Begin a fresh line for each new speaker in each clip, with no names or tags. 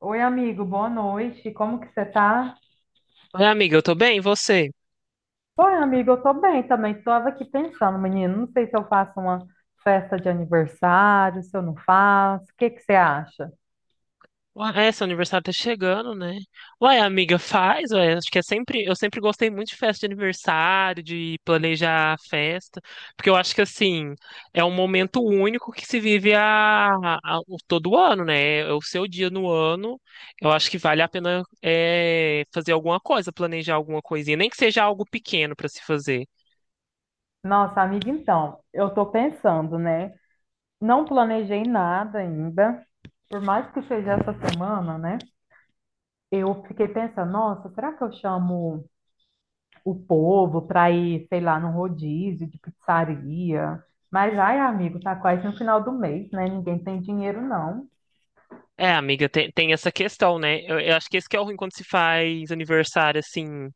Oi, amigo, boa noite. Como que você tá?
Ué, amiga, eu tô bem, e você?
Oi, amigo, eu tô bem também. Tava aqui pensando, menino, não sei se eu faço uma festa de aniversário, se eu não faço. O que que você acha?
Ué, seu aniversário tá chegando, né? Ué, amiga, faz, acho que eu sempre gostei muito de festa de aniversário, de planejar a festa, porque eu acho que, assim, é um momento único que se vive todo ano, né? É o seu dia no ano, eu acho que vale a pena fazer alguma coisa, planejar alguma coisinha, nem que seja algo pequeno pra se fazer.
Nossa, amiga, então, eu tô pensando, né? Não planejei nada ainda. Por mais que seja essa semana, né? Eu fiquei pensando, nossa, será que eu chamo o povo para ir, sei lá, num rodízio de pizzaria? Mas, ai, amigo, tá quase no final do mês, né? Ninguém tem dinheiro, não.
É, amiga, tem essa questão, né? Eu acho que esse que é o ruim quando se faz aniversário, assim.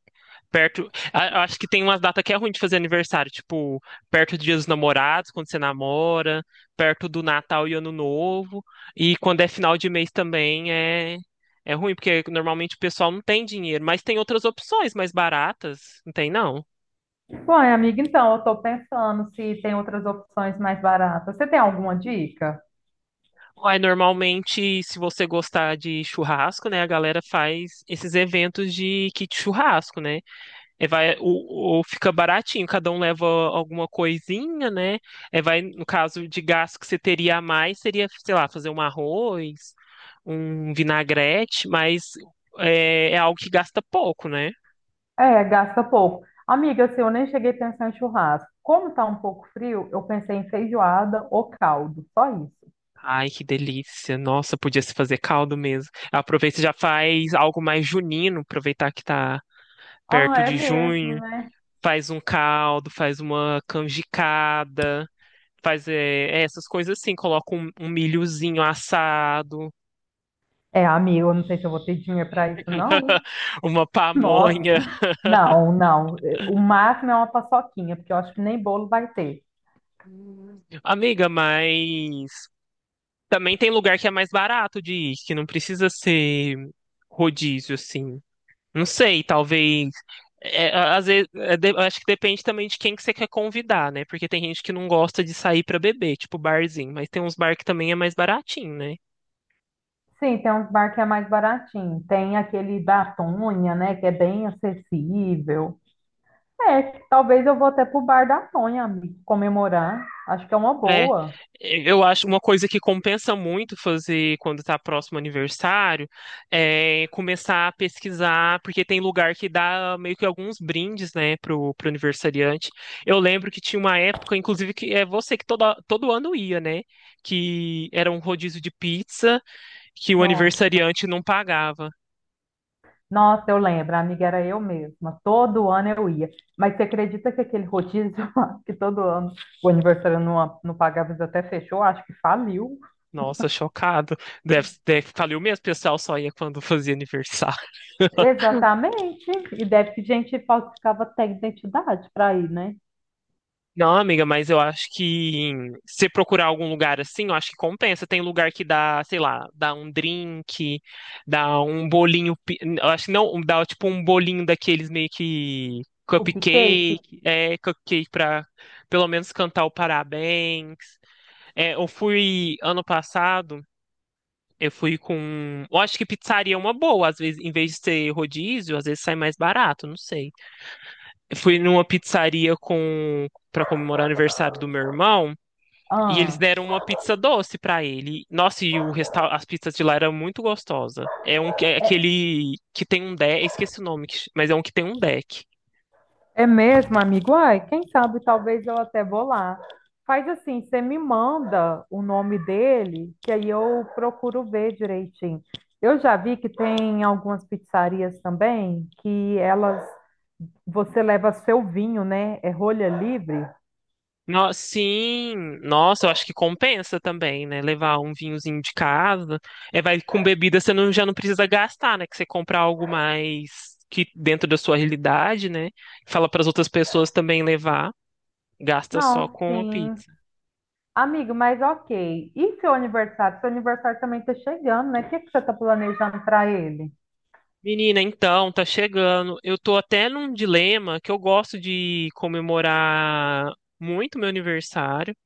Acho que tem umas datas que é ruim de fazer aniversário, tipo, perto do Dia dos Namorados, quando você namora, perto do Natal e Ano Novo. E quando é final de mês também é ruim, porque normalmente o pessoal não tem dinheiro, mas tem outras opções mais baratas, não tem não.
Bom, amiga, então, eu estou pensando se tem outras opções mais baratas. Você tem alguma dica?
Uai, normalmente, se você gostar de churrasco, né, a galera faz esses eventos de kit churrasco, né? É, vai, fica baratinho, cada um leva alguma coisinha, né? É, vai, no caso de gasto que você teria a mais, seria, sei lá, fazer um arroz, um vinagrete, mas é algo que gasta pouco, né?
É, gasta pouco. Amiga, assim, eu nem cheguei a pensar em churrasco. Como está um pouco frio, eu pensei em feijoada ou caldo, só isso.
Ai, que delícia. Nossa, podia se fazer caldo mesmo. Aproveita e já faz algo mais junino, aproveitar que tá
Ah,
perto
é
de junho.
mesmo?
Faz um caldo, faz uma canjicada, faz é essas coisas assim, coloca um milhozinho assado.
É, amiga, eu não sei se eu vou ter dinheiro para isso, não.
Uma
Nossa,
pamonha.
não. O máximo é uma paçoquinha, porque eu acho que nem bolo vai ter.
Amiga, mas também tem lugar que é mais barato de ir, que não precisa ser rodízio, assim. Não sei, talvez. Às vezes, acho que depende também de quem que você quer convidar, né? Porque tem gente que não gosta de sair pra beber, tipo barzinho, mas tem uns bar que também é mais baratinho, né?
Sim, tem uns bar que é mais baratinho. Tem aquele da Tonha, né, que é bem acessível. É, talvez eu vou até pro bar da Tonha, amiga, comemorar. Acho que é uma
É,
boa.
eu acho uma coisa que compensa muito fazer quando está próximo ao aniversário é começar a pesquisar, porque tem lugar que dá meio que alguns brindes, né, pro aniversariante. Eu lembro que tinha uma época, inclusive, que é você que todo ano ia, né, que era um rodízio de pizza que o
Nossa,
aniversariante não pagava.
nossa, eu lembro, a amiga era eu mesma. Todo ano eu ia. Mas você acredita que aquele rodízio lá, que todo ano o aniversário não pagava, eles até fechou? Acho que faliu.
Nossa, chocado. Deve, falei o mesmo, o pessoal só ia quando fazia aniversário.
Exatamente. E deve que gente falsificava até identidade para ir, né?
Não, amiga, mas eu acho que se procurar algum lugar assim, eu acho que compensa. Tem lugar que dá, sei lá, dá um drink, dá um bolinho. Eu acho que não, dá tipo um bolinho daqueles meio que
Cupcake?
cupcake pra pelo menos cantar o parabéns. É, eu fui ano passado, eu fui com. Eu acho que pizzaria é uma boa, às vezes, em vez de ser rodízio, às vezes sai mais barato, não sei. Eu fui numa pizzaria com, para comemorar o aniversário do meu irmão. E eles
Ah.
deram uma pizza doce pra ele. Nossa, as pizzas de lá eram muito gostosas. É um que é aquele que tem um deck, esqueci o nome, mas é um que tem um deck.
É mesmo, amigo? Ai, quem sabe talvez eu até vou lá. Faz assim, você me manda o nome dele, que aí eu procuro ver direitinho. Eu já vi que tem algumas pizzarias também que elas você leva seu vinho, né? É rolha livre?
Sim, nossa, eu acho que compensa também, né? Levar um vinhozinho de casa. É, vai com bebida, você não, já não precisa gastar, né? Que você compra algo mais que dentro da sua realidade, né? Fala para as outras pessoas também levar, gasta só
Não,
com a
sim.
pizza.
Amigo, mas ok. E seu aniversário? Seu aniversário também está chegando, né? O que que você está planejando para ele?
Menina, então, tá chegando. Eu tô até num dilema que eu gosto de comemorar muito meu aniversário,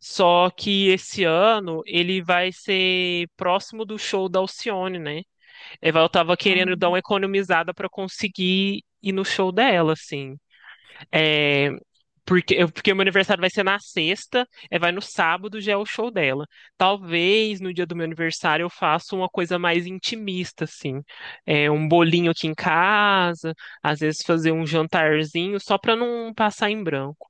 só que esse ano ele vai ser próximo do show da Alcione, né? Eu tava querendo dar uma economizada pra conseguir ir no show dela, assim. É, porque porque meu aniversário vai ser na sexta, vai no sábado já é o show dela. Talvez no dia do meu aniversário eu faça uma coisa mais intimista, assim. É, um bolinho aqui em casa, às vezes fazer um jantarzinho, só pra não passar em branco.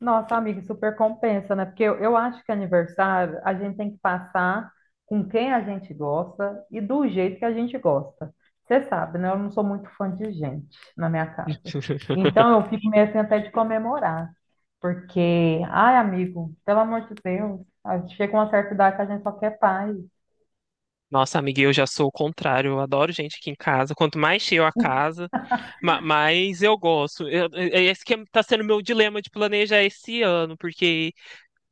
Nossa, amiga, super compensa, né? Porque eu acho que aniversário a gente tem que passar com quem a gente gosta e do jeito que a gente gosta. Você sabe, né? Eu não sou muito fã de gente na minha casa. Então eu fico meio assim até de comemorar. Porque, ai, amigo, pelo amor de Deus, a gente chega uma certa idade que a gente só quer paz.
Nossa, amiga, eu já sou o contrário. Eu adoro gente aqui em casa. Quanto mais cheio a casa, mais eu gosto. Esse que é, tá sendo meu dilema de planejar esse ano, porque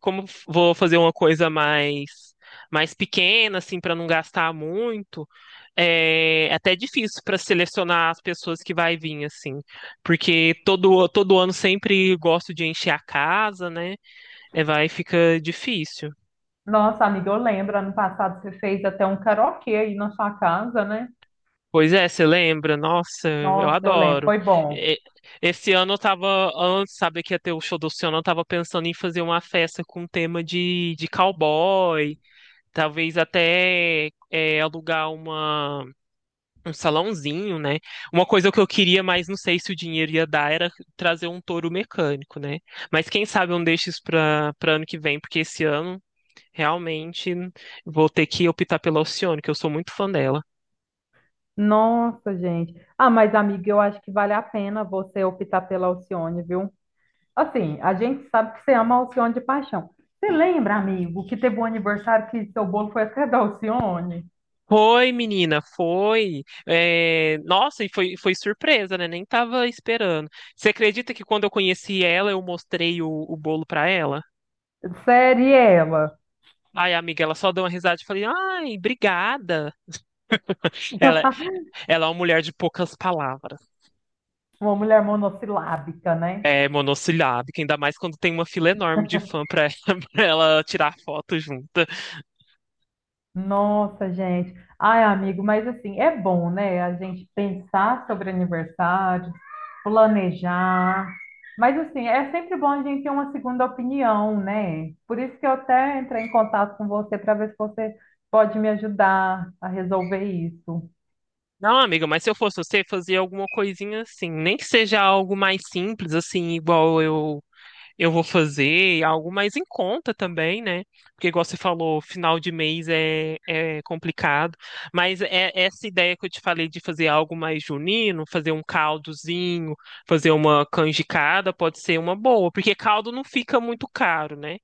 como vou fazer uma coisa mais pequena, assim, para não gastar muito, é até difícil para selecionar as pessoas que vai vir, assim, porque todo ano sempre gosto de encher a casa, né? É, vai fica difícil.
Nossa, amiga, eu lembro, ano passado você fez até um karaokê aí na sua casa, né?
Pois é, você lembra? Nossa, eu
Nossa, eu lembro,
adoro.
foi bom.
É. Esse ano eu tava, antes, sabe que ia ter o show do Oceano, eu tava pensando em fazer uma festa com tema de cowboy, talvez até alugar uma um salãozinho, né? Uma coisa que eu queria, mas não sei se o dinheiro ia dar, era trazer um touro mecânico, né? Mas quem sabe eu não deixo isso para ano que vem, porque esse ano realmente vou ter que optar pela Alcione, que eu sou muito fã dela.
Nossa, gente. Ah, mas amiga, eu acho que vale a pena você optar pela Alcione, viu? Assim, a gente sabe que você ama a Alcione de paixão. Você lembra, amigo, que teve um aniversário que seu bolo foi até da Alcione?
Foi, menina, foi. É. Nossa, e foi surpresa, né? Nem tava esperando. Você acredita que quando eu conheci ela, eu mostrei o bolo para ela?
Sério, e ela?
Ai, amiga, ela só deu uma risada e falei, ai, obrigada. Ela, ela é uma mulher de poucas palavras.
Uma mulher monossilábica, né?
É monossilábica, ainda mais quando tem uma fila enorme de fã pra ela, pra ela tirar foto junta.
Nossa, gente. Ai, amigo, mas assim, é bom, né? A gente pensar sobre aniversário, planejar. Mas assim, é sempre bom a gente ter uma segunda opinião, né? Por isso que eu até entrei em contato com você para ver se você pode me ajudar a resolver isso.
Não, amiga, mas se eu fosse você, fazia alguma coisinha assim, nem que seja algo mais simples, assim, igual eu vou fazer, algo mais em conta também, né? Porque, igual você falou, final de mês é complicado. Mas é essa ideia que eu te falei de fazer algo mais junino, fazer um caldozinho, fazer uma canjicada, pode ser uma boa, porque caldo não fica muito caro, né?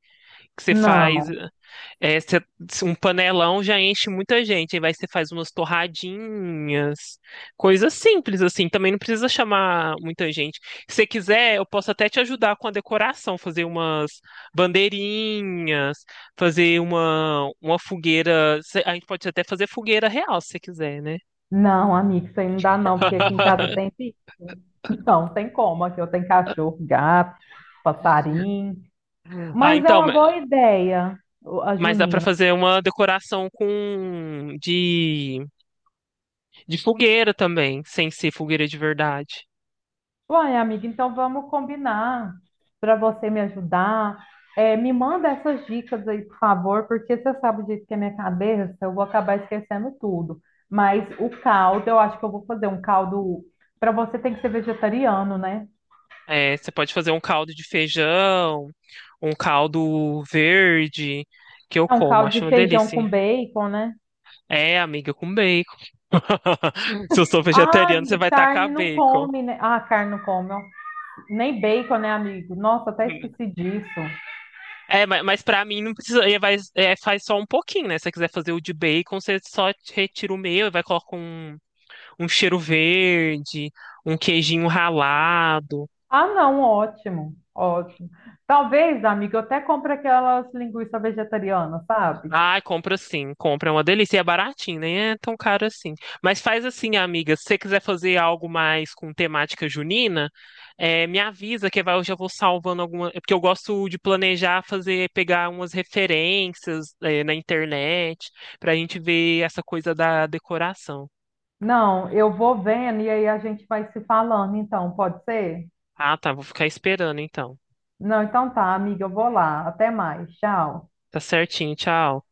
Que você faz.
Não,
É, cê- um panelão já enche muita gente. Aí vai, você faz umas torradinhas, coisas simples assim. Também não precisa chamar muita gente. Se você quiser, eu posso até te ajudar com a decoração, fazer umas bandeirinhas, fazer uma fogueira. A gente pode até fazer fogueira real, se você quiser, né?
não, amigo, isso aí não dá não, porque aqui em casa tem bicho. Não, tem como, aqui eu tenho cachorro, gato, passarinho.
Ah,
Mas é
então,
uma boa ideia, a
mas dá pra
junina.
fazer uma decoração de fogueira também, sem ser fogueira de verdade.
Uai, amiga, então vamos combinar para você me ajudar. É, me manda essas dicas aí, por favor, porque você sabe o jeito que é minha cabeça, eu vou acabar esquecendo tudo. Mas o caldo, eu acho que eu vou fazer um caldo. Para você tem que ser vegetariano, né?
É, você pode fazer um caldo de feijão, um caldo verde, que eu
É um
como,
caldo
acho
de
uma
feijão
delícia.
com bacon, né?
É, amiga, com bacon. Se eu sou
Ah,
vegetariano, você vai tacar
carne não
bacon.
come, né? Ah, carne não come, ó. Nem bacon, né, amigo? Nossa, até esqueci disso.
É, mas pra mim não precisa. Faz só um pouquinho, né? Se você quiser fazer o de bacon, você só retira o meu e vai colocar um cheiro verde, um queijinho ralado.
Ah, não, ótimo, ótimo. Talvez, amiga, eu até compre aquelas linguiças vegetarianas, sabe?
Ai, compra sim, compra, é uma delícia. E é baratinho, nem é tão caro assim. Mas faz assim, amiga, se você quiser fazer algo mais com temática junina, me avisa que eu já vou salvando alguma. Porque eu gosto de planejar, fazer, pegar umas referências, na internet, pra gente ver essa coisa da decoração.
Não, eu vou vendo e aí a gente vai se falando, então, pode ser?
Ah, tá, vou ficar esperando então.
Não, então tá, amiga, eu vou lá. Até mais, tchau.
Tá certinho, tchau.